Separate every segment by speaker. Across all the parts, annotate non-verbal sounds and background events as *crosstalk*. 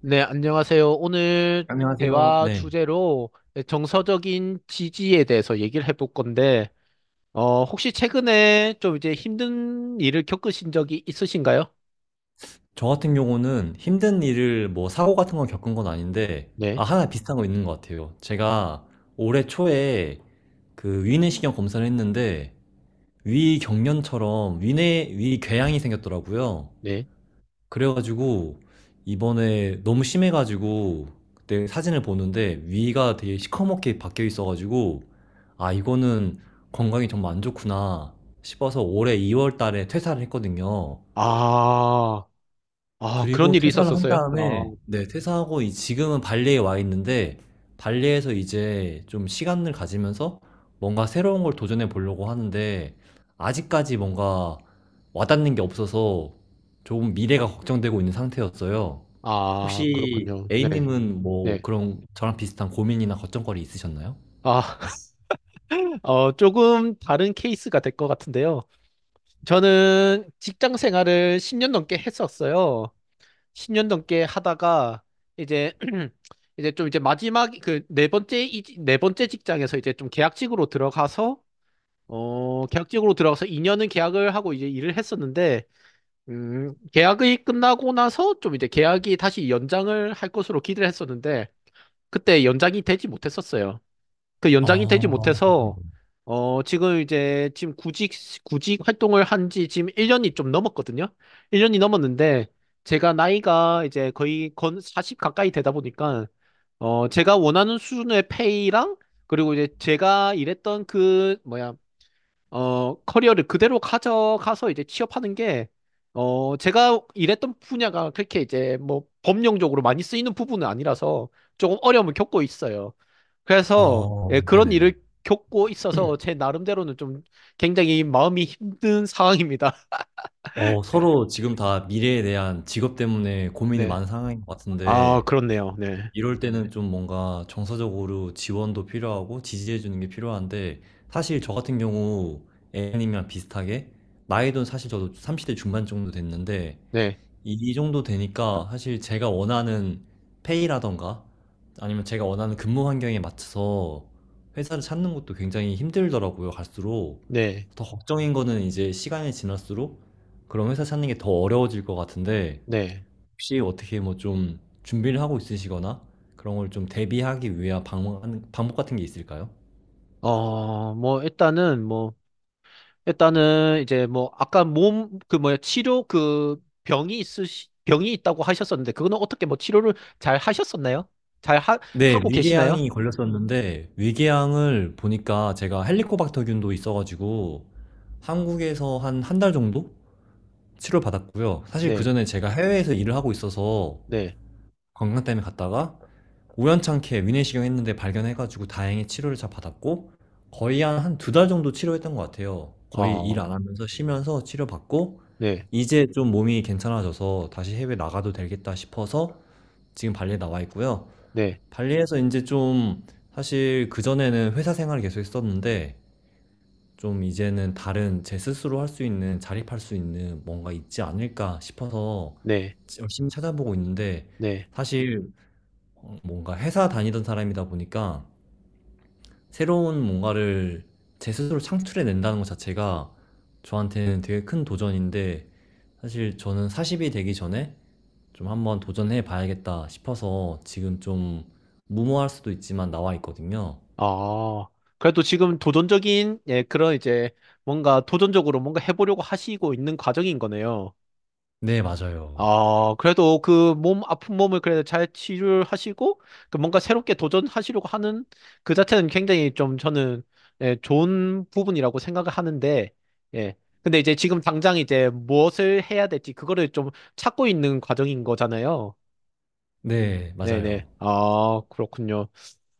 Speaker 1: 네, 안녕하세요. 오늘
Speaker 2: 안녕하세요.
Speaker 1: 대화
Speaker 2: 네.
Speaker 1: 주제로 정서적인 지지에 대해서 얘기를 해볼 건데, 혹시 최근에 좀 이제 힘든 일을 겪으신 적이 있으신가요?
Speaker 2: 저 같은 경우는 힘든 일을 뭐 사고 같은 건 겪은 건 아닌데,
Speaker 1: 네,
Speaker 2: 아, 하나 비슷한 거 있는 것 같아요. 제가 올해 초에 그 위내시경 검사를 했는데, 위 경련처럼 위 궤양이 생겼더라고요.
Speaker 1: 네.
Speaker 2: 그래가지고, 이번에 너무 심해가지고, 그때 사진을 보는데, 위가 되게 시커멓게 바뀌어 있어가지고, 아, 이거는 건강이 정말 안 좋구나 싶어서 올해 2월 달에 퇴사를 했거든요.
Speaker 1: 아, 아, 그런
Speaker 2: 그리고
Speaker 1: 일이
Speaker 2: 퇴사를 한
Speaker 1: 있었었어요?
Speaker 2: 다음에 네, 퇴사하고 이 지금은 발리에 와 있는데, 발리에서 이제 좀 시간을 가지면서 뭔가 새로운 걸 도전해 보려고 하는데, 아직까지 뭔가 와닿는 게 없어서 조금 미래가 걱정되고 있는 상태였어요.
Speaker 1: 아, 아,
Speaker 2: 혹시
Speaker 1: 그렇군요. 네.
Speaker 2: A님은 뭐
Speaker 1: 네.
Speaker 2: 그런 저랑 비슷한 고민이나 걱정거리 있으셨나요?
Speaker 1: 아, *laughs* 조금 다른 케이스가 될 것 같은데요. 저는 직장 생활을 10년 넘게 했었어요. 10년 넘게 하다가 이제 *clears throat* 이제 좀 이제 마지막 그 네 번째 네 번째 직장에서 이제 좀 계약직으로 들어가서 계약직으로 들어가서 2년은 계약을 하고 이제 일을 했었는데 계약이 끝나고 나서 좀 이제 계약이 다시 연장을 할 것으로 기대를 했었는데 그때 연장이 되지 못했었어요. 그 연장이 되지
Speaker 2: 어,
Speaker 1: 못해서 지금 이제 지금 구직 활동을 한지 지금 1년이 좀 넘었거든요. 1년이 넘었는데 제가 나이가 이제 거의 건 40 가까이 되다 보니까 제가 원하는 수준의 페이랑 그리고 이제 제가 일했던 그 뭐야 커리어를 그대로 가져가서 이제 취업하는 게 제가 일했던 분야가 그렇게 이제 뭐 법령적으로 많이 쓰이는 부분은 아니라서 조금 어려움을 겪고 있어요. 그래서 예, 그런
Speaker 2: 네네네.
Speaker 1: 일을 겪고 있어서 제 나름대로는 좀 굉장히 마음이 힘든 상황입니다.
Speaker 2: 서로 지금 다 미래에 대한 직업 때문에
Speaker 1: *laughs*
Speaker 2: 고민이
Speaker 1: 네.
Speaker 2: 많은 상황인 것
Speaker 1: 아,
Speaker 2: 같은데,
Speaker 1: 그렇네요. 네.
Speaker 2: 이럴 때는 좀 뭔가 정서적으로 지원도 필요하고 지지해주는 게 필요한데, 사실 저 같은 경우 애님이랑 비슷하게, 나이도 사실 저도 30대 중반 정도 됐는데,
Speaker 1: 네.
Speaker 2: 이 정도 되니까 사실 제가 원하는 페이라던가, 아니면 제가 원하는 근무 환경에 맞춰서 회사를 찾는 것도 굉장히 힘들더라고요, 갈수록.
Speaker 1: 네.
Speaker 2: 더 걱정인 거는 이제 시간이 지날수록 그런 회사 찾는 게 더 어려워질 것 같은데,
Speaker 1: 네.
Speaker 2: 혹시 어떻게 뭐 좀 준비를 하고 있으시거나 그런 걸 좀 대비하기 위한 방법 같은 게 있을까요?
Speaker 1: 뭐 일단은 이제 뭐 아까 몸 그 뭐야 치료 그 병이 있다고 하셨었는데 그거는 어떻게 뭐 치료를 잘 하셨었나요? 잘 하,
Speaker 2: 네,
Speaker 1: 하고 계시나요?
Speaker 2: 위궤양이 걸렸었는데 위궤양을 보니까 제가 헬리코박터균도 있어가지고 한국에서 한 한 달 정도 치료받았고요. 사실
Speaker 1: 네.
Speaker 2: 그전에 제가 해외에서 일을 하고 있어서
Speaker 1: 네.
Speaker 2: 건강 때문에 갔다가 우연찮게 위내시경 했는데 발견해가지고 다행히 치료를 잘 받았고, 거의 한 한 두 달 정도 치료했던 것 같아요. 거의 일 안
Speaker 1: 어.
Speaker 2: 하면서 쉬면서 치료받고,
Speaker 1: 네.
Speaker 2: 이제 좀 몸이 괜찮아져서 다시 해외 나가도 되겠다 싶어서 지금 발리에 나와 있고요.
Speaker 1: 네.
Speaker 2: 발리에서 인제 좀, 사실 그전에는 회사 생활을 계속 했었는데, 좀 이제는 다른 제 스스로 할 수 있는 자립할 수 있는 뭔가 있지 않을까 싶어서
Speaker 1: 네.
Speaker 2: 열심히 찾아보고 있는데,
Speaker 1: 네.
Speaker 2: 사실 뭔가 회사 다니던 사람이다 보니까 새로운 뭔가를 제 스스로 창출해 낸다는 것 자체가 저한테는 되게 큰 도전인데, 사실 저는 40이 되기 전에 좀 한번 도전해 봐야겠다 싶어서 지금 좀 무모할 수도 있지만 나와 있거든요.
Speaker 1: 아, 그래도 지금 도전적인, 예, 그런 이제 뭔가 도전적으로 뭔가 해보려고 하시고 있는 과정인 거네요.
Speaker 2: 네, 맞아요.
Speaker 1: 아, 그래도 그 몸 아픈 몸을 그래도 잘 치료를 하시고, 그 뭔가 새롭게 도전하시려고 하는 그 자체는 굉장히 좀 저는, 예, 좋은 부분이라고 생각을 하는데, 예. 근데 이제 지금 당장 이제 무엇을 해야 될지 그거를 좀 찾고 있는 과정인 거잖아요.
Speaker 2: 네,
Speaker 1: 네네.
Speaker 2: 맞아요.
Speaker 1: 아, 그렇군요.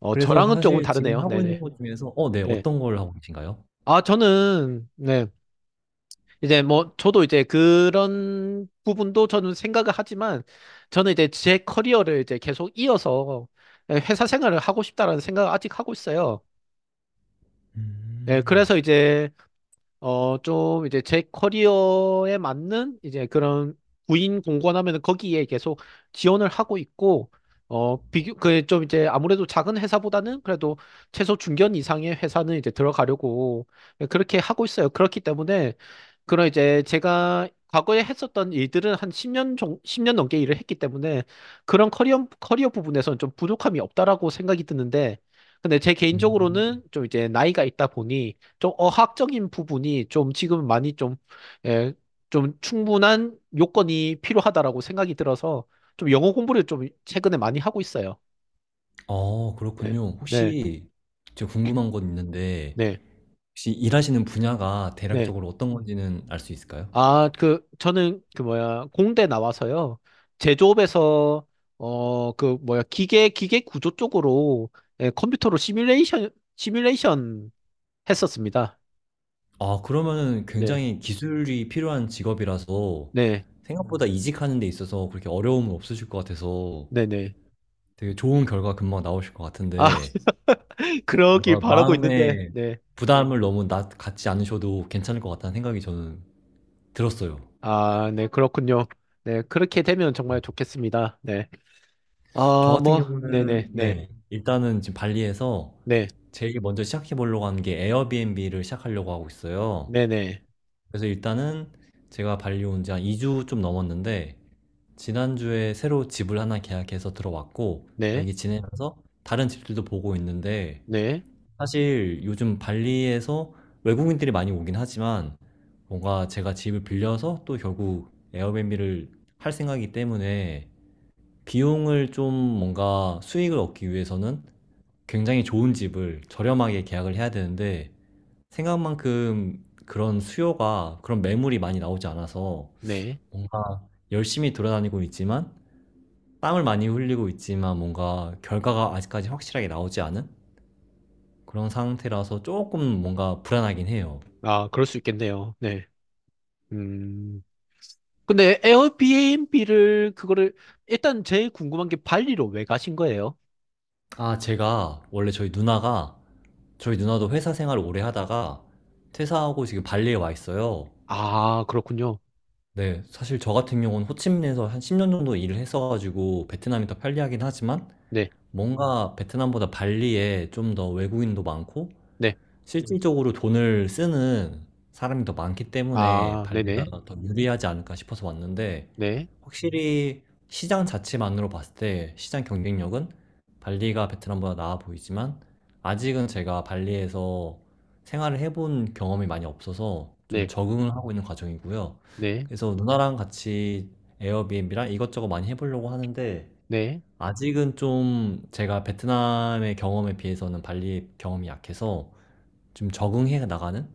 Speaker 2: 그래서
Speaker 1: 저랑은 조금
Speaker 2: 사실 지금
Speaker 1: 다르네요.
Speaker 2: 하고 있는
Speaker 1: 네네.
Speaker 2: 것 중에서 네,
Speaker 1: 네.
Speaker 2: 어떤 걸 하고 계신가요?
Speaker 1: 아, 저는, 네. 이제 뭐, 저도 이제 그런 부분도 저는 생각을 하지만, 저는 이제 제 커리어를 이제 계속 이어서 예, 회사 생활을 하고 싶다라는 생각을 아직 하고 있어요. 네,
Speaker 2: 음,
Speaker 1: 그래서 이제 좀 이제 제 커리어에 맞는 이제 그런 구인 공고하면은 거기에 계속 지원을 하고 있고, 그 좀 이제 아무래도 작은 회사보다는 그래도 최소 중견 이상의 회사는 이제 들어가려고 그렇게 하고 있어요. 그렇기 때문에 그런 이제 제가 과거에 했었던 일들은 한 10년 넘게 일을 했기 때문에 그런 커리어 부분에서는 좀 부족함이 없다라고 생각이 드는데, 근데 제
Speaker 2: 음.
Speaker 1: 개인적으로는 좀 이제 나이가 있다 보니 좀 어학적인 부분이 좀 지금 많이 좀, 예, 좀 충분한 요건이 필요하다라고 생각이 들어서 좀 영어 공부를 좀 최근에 많이 하고 있어요. 네,
Speaker 2: 그렇군요.
Speaker 1: 네,
Speaker 2: 혹시 제가 궁금한 건 있는데,
Speaker 1: 네,
Speaker 2: 혹시 일하시는 분야가
Speaker 1: 네.
Speaker 2: 대략적으로 어떤 건지는 알 수 있을까요?
Speaker 1: 아, 그, 저는 그 뭐야, 공대 나와서요. 제조업에서, 그 뭐야, 기계 구조 쪽으로 예, 컴퓨터로 시뮬레이션 했었습니다.
Speaker 2: 아, 그러면은
Speaker 1: 네,
Speaker 2: 굉장히 기술이 필요한 직업이라서
Speaker 1: 네,
Speaker 2: 생각보다 이직하는 데 있어서 그렇게 어려움은 없으실 것 같아서
Speaker 1: 네, 네.
Speaker 2: 되게 좋은 결과 금방 나오실 것
Speaker 1: 아,
Speaker 2: 같은데,
Speaker 1: *laughs* 그러길
Speaker 2: 뭔가
Speaker 1: 바라고 있는데,
Speaker 2: 마음에
Speaker 1: 네.
Speaker 2: 부담을 너무 갖지 않으셔도 괜찮을 것 같다는 생각이 저는 들었어요.
Speaker 1: 아, 네, 그렇군요. 네, 그렇게 되면 정말 좋겠습니다. 네.
Speaker 2: 저
Speaker 1: 아,
Speaker 2: 같은
Speaker 1: 뭐,
Speaker 2: 경우는
Speaker 1: 네네, 네,
Speaker 2: 네, 일단은 지금 발리에서
Speaker 1: 네,
Speaker 2: 제일 먼저 시작해 보려고 하는 게 에어비앤비를 시작하려고 하고 있어요.
Speaker 1: 네네,
Speaker 2: 그래서 일단은 제가 발리 온 지 한 2주 좀 넘었는데, 지난주에 새로 집을 하나 계약해서 들어왔고,
Speaker 1: 네,
Speaker 2: 여기 지내면서 다른 집들도 보고 있는데,
Speaker 1: 네,
Speaker 2: 사실 요즘 발리에서 외국인들이 많이 오긴 하지만, 뭔가 제가 집을 빌려서 또 결국 에어비앤비를 할 생각이기 때문에, 비용을 좀 뭔가 수익을 얻기 위해서는 굉장히 좋은 집을 저렴하게 계약을 해야 되는데, 생각만큼 그런 수요가, 그런 매물이 많이 나오지 않아서
Speaker 1: 네.
Speaker 2: 뭔가 열심히 돌아다니고 있지만, 땀을 많이 흘리고 있지만 뭔가 결과가 아직까지 확실하게 나오지 않은 그런 상태라서 조금 뭔가 불안하긴 해요.
Speaker 1: 아, 그럴 수 있겠네요. 네. 음. 근데 에어비앤비를, 그거를, 일단 제일 궁금한 게 발리로 왜 가신 거예요?
Speaker 2: 아, 제가 원래 저희 누나도 회사 생활을 오래 하다가 퇴사하고 지금 발리에 와 있어요.
Speaker 1: 아, 그렇군요.
Speaker 2: 네, 사실 저 같은 경우는 호치민에서 한 10년 정도 일을 했어가지고 베트남이 더 편리하긴 하지만,
Speaker 1: 네,
Speaker 2: 뭔가 베트남보다 발리에 좀 더 외국인도 많고
Speaker 1: 네.
Speaker 2: 실질적으로 돈을 쓰는 사람이 더 많기 때문에
Speaker 1: 아,
Speaker 2: 발리가
Speaker 1: 네네,
Speaker 2: 더 유리하지 않을까 싶어서 왔는데,
Speaker 1: 네,
Speaker 2: 확실히 시장 자체만으로 봤을 때 시장 경쟁력은 발리가 베트남보다 나아 보이지만 아직은 제가 발리에서 생활을 해본 경험이 많이 없어서 좀
Speaker 1: 네,
Speaker 2: 적응을 하고 있는 과정이고요.
Speaker 1: 네,
Speaker 2: 그래서 누나랑 같이 에어비앤비랑 이것저것 많이 해보려고 하는데,
Speaker 1: 네,
Speaker 2: 아직은 좀 제가 베트남의 경험에 비해서는 발리의 경험이 약해서 좀 적응해 나가는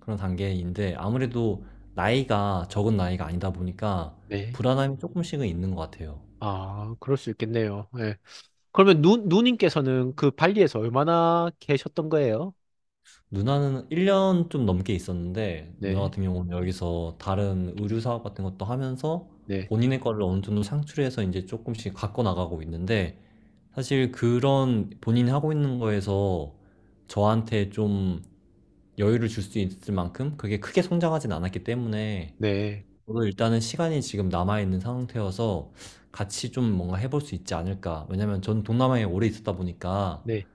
Speaker 2: 그런 단계인데, 아무래도 나이가 적은 나이가 아니다 보니까
Speaker 1: 네.
Speaker 2: 불안함이 조금씩은 있는 것 같아요.
Speaker 1: 아, 그럴 수 있겠네요. 네. 그러면 누님께서는 그 발리에서 얼마나 계셨던 거예요?
Speaker 2: 누나는 1년 좀 넘게 있었는데, 누나
Speaker 1: 네,
Speaker 2: 같은 경우는 여기서 다른 의류 사업 같은 것도 하면서
Speaker 1: 네,
Speaker 2: 본인의 거를 어느 정도 창출해서 이제 조금씩 갖고 나가고 있는데, 사실 그런 본인이 하고 있는 거에서 저한테 좀 여유를 줄 수 있을 만큼 그게 크게 성장하진 않았기 때문에,
Speaker 1: 네,
Speaker 2: 저도 일단은 시간이 지금 남아있는 상태여서 같이 좀 뭔가 해볼 수 있지 않을까. 왜냐면 전 동남아에 오래 있었다 보니까
Speaker 1: 네,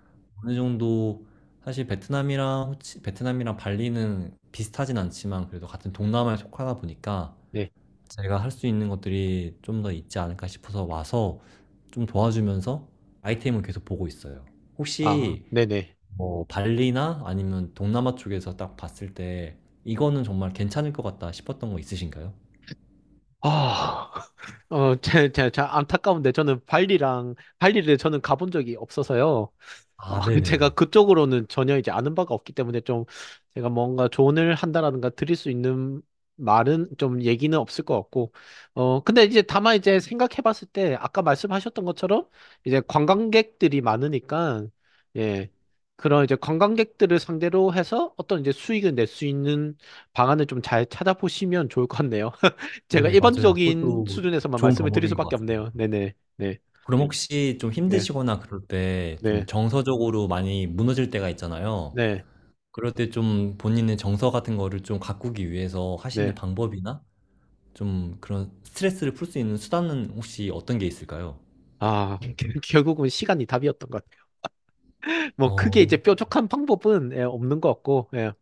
Speaker 2: 어느 정도, 사실 베트남이랑 발리는 비슷하진 않지만 그래도 같은 동남아에 속하다 보니까
Speaker 1: 네.
Speaker 2: 제가 할 수 있는 것들이 좀 더 있지 않을까 싶어서 와서 좀 도와주면서 아이템을 계속 보고 있어요.
Speaker 1: 아,
Speaker 2: 혹시
Speaker 1: 네네.
Speaker 2: 뭐 발리나 아니면 동남아 쪽에서 딱 봤을 때 이거는 정말 괜찮을 것 같다 싶었던 거 있으신가요?
Speaker 1: 아, *laughs* 제 안타까운데 저는 발리랑 발리를 저는 가본 적이 없어서요. 어,
Speaker 2: 아,
Speaker 1: *laughs* 제가
Speaker 2: 네네네.
Speaker 1: 그쪽으로는 전혀 이제 아는 바가 없기 때문에 좀 제가 뭔가 조언을 한다라든가 드릴 수 있는 말은 좀 얘기는 없을 것 같고, 근데 이제 다만 이제 생각해 봤을 때 아까 말씀하셨던 것처럼 이제 관광객들이 많으니까, 예, 그런 이제 관광객들을 상대로 해서 어떤 이제 수익을 낼 수 있는 방안을 좀 잘 찾아보시면 좋을 것 같네요. *laughs* 제가
Speaker 2: 네, 맞아요.
Speaker 1: 일반적인
Speaker 2: 그것도
Speaker 1: 수준에서만
Speaker 2: 좋은
Speaker 1: 말씀을 드릴
Speaker 2: 방법인 것
Speaker 1: 수밖에
Speaker 2: 같습니다.
Speaker 1: 없네요. 네네, 네,
Speaker 2: 그럼 혹시 좀
Speaker 1: 네,
Speaker 2: 힘드시거나 그럴 때 좀
Speaker 1: 네,
Speaker 2: 정서적으로 많이 무너질 때가 있잖아요.
Speaker 1: 네,
Speaker 2: 그럴 때 좀 본인의 정서 같은 거를 좀 가꾸기 위해서 하시는
Speaker 1: 네.
Speaker 2: 방법이나 좀 그런 스트레스를 풀 수 있는 수단은 혹시 어떤 게 있을까요?
Speaker 1: 아, *laughs* 결국은 시간이 답이었던 것 같아요. 뭐 크게 이제
Speaker 2: 어,
Speaker 1: 뾰족한 방법은 예, 없는 것 같고, 예.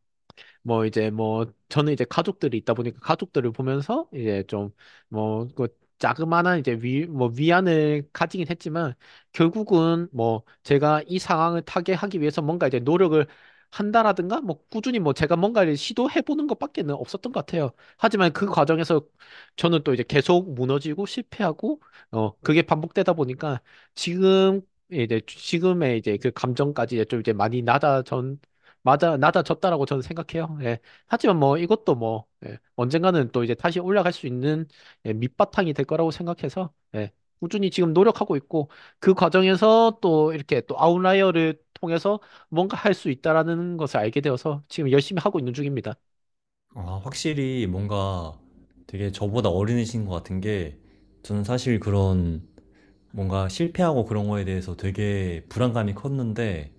Speaker 1: 뭐 이제 뭐 저는 이제 가족들이 있다 보니까 가족들을 보면서 이제 좀뭐그 자그마한 이제 위 뭐 위안을 가지긴 했지만 결국은 뭐 제가 이 상황을 타개하기 위해서 뭔가 이제 노력을 한다라든가 뭐 꾸준히 뭐 제가 뭔가를 시도해 보는 것밖에는 없었던 것 같아요. 하지만 그 과정에서 저는 또 이제 계속 무너지고 실패하고 그게 반복되다 보니까 지금 이제 지금의 이제 그 감정까지 이제 좀 이제 많이 낮아졌 맞아, 낮아졌다라고 저는 생각해요. 예. 하지만 뭐 이것도 뭐 예. 언젠가는 또 이제 다시 올라갈 수 있는 예, 밑바탕이 될 거라고 생각해서 예. 꾸준히 지금 노력하고 있고 그 과정에서 또 이렇게 또 아웃라이어를 통해서 뭔가 할 수 있다라는 것을 알게 되어서 지금 열심히 하고 있는 중입니다.
Speaker 2: 확실히 뭔가 되게 저보다 어린이신 것 같은 게, 저는 사실 그런 뭔가 실패하고 그런 거에 대해서 되게 불안감이 컸는데,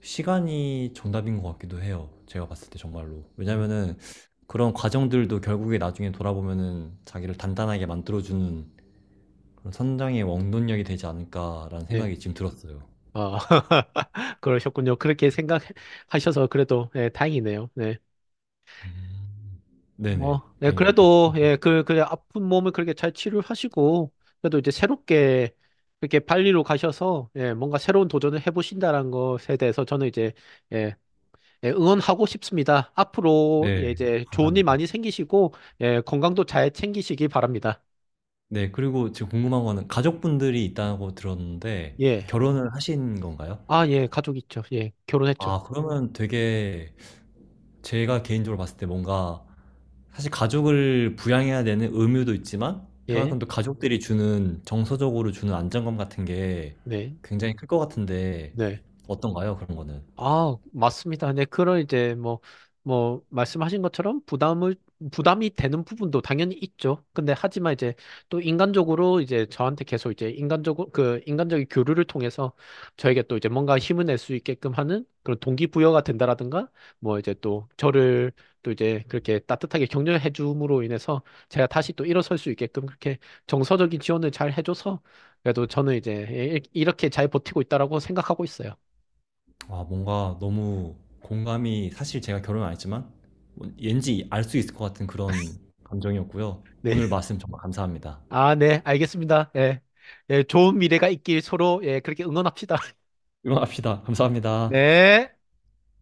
Speaker 2: 시간이 정답인 것 같기도 해요. 제가 봤을 때 정말로.
Speaker 1: 음.
Speaker 2: 왜냐면은 그런 과정들도 결국에 나중에 돌아보면은 자기를 단단하게 만들어주는 그런 성장의 원동력이 되지 않을까라는
Speaker 1: 네.
Speaker 2: 생각이 지금 들었어요.
Speaker 1: 어, *laughs* 그러셨군요. 그렇게 생각하셔서 그래도 예, 다행이네요. 네.
Speaker 2: 음, 네네.
Speaker 1: 뭐, 네,
Speaker 2: 다행입니다.
Speaker 1: 그래도, 예, 그 아픈 몸을 그렇게 잘 치료하시고, 그래도 이제 새롭게, 그렇게 발리로 가셔서, 예, 뭔가 새로운 도전을 해보신다는 것에 대해서 저는 이제, 예, 예, 응원하고 싶습니다. 앞으로, 예,
Speaker 2: 네.
Speaker 1: 이제 좋은 일
Speaker 2: 감사합니다.
Speaker 1: 많이 생기시고, 예, 건강도 잘 챙기시기 바랍니다.
Speaker 2: 네. 그리고 지금 궁금한 거는 가족분들이 있다고 들었는데
Speaker 1: 예.
Speaker 2: 결혼을 하신 건가요?
Speaker 1: 아, 예, 가족 있죠. 예, 결혼했죠.
Speaker 2: 아, 그러면 되게 제가 개인적으로 봤을 때 뭔가 사실 가족을 부양해야 되는 의무도 있지만
Speaker 1: 예,
Speaker 2: 그만큼 또 가족들이 주는, 정서적으로 주는 안정감 같은 게
Speaker 1: 네,
Speaker 2: 굉장히 클 것 같은데
Speaker 1: 네.
Speaker 2: 어떤가요? 그런 거는.
Speaker 1: 아, 맞습니다. 네, 그런 이제 뭐, 말씀하신 것처럼 부담이 되는 부분도 당연히 있죠. 근데 하지만 이제 또 인간적으로 이제 저한테 계속 이제 인간적으로, 그 인간적인 교류를 통해서 저에게 또 이제 뭔가 힘을 낼 수 있게끔 하는 그런 동기부여가 된다라든가 뭐 이제 또 저를 또 이제 그렇게 따뜻하게 격려해 줌으로 인해서 제가 다시 또 일어설 수 있게끔 그렇게 정서적인 지원을 잘 해줘서 그래도 저는 이제 이렇게 잘 버티고 있다라고 생각하고 있어요.
Speaker 2: 아, 뭔가 너무 공감이, 사실 제가 결혼 안 했지만 왠지 알 수 있을 것 같은 그런 감정이었고요.
Speaker 1: 네.
Speaker 2: 오늘 말씀 정말 감사합니다.
Speaker 1: 아, 네, 알겠습니다. 예. 예, 좋은 미래가 있길 서로, 예, 그렇게 응원합시다. *laughs*
Speaker 2: 응원합시다. 감사합니다.
Speaker 1: 네.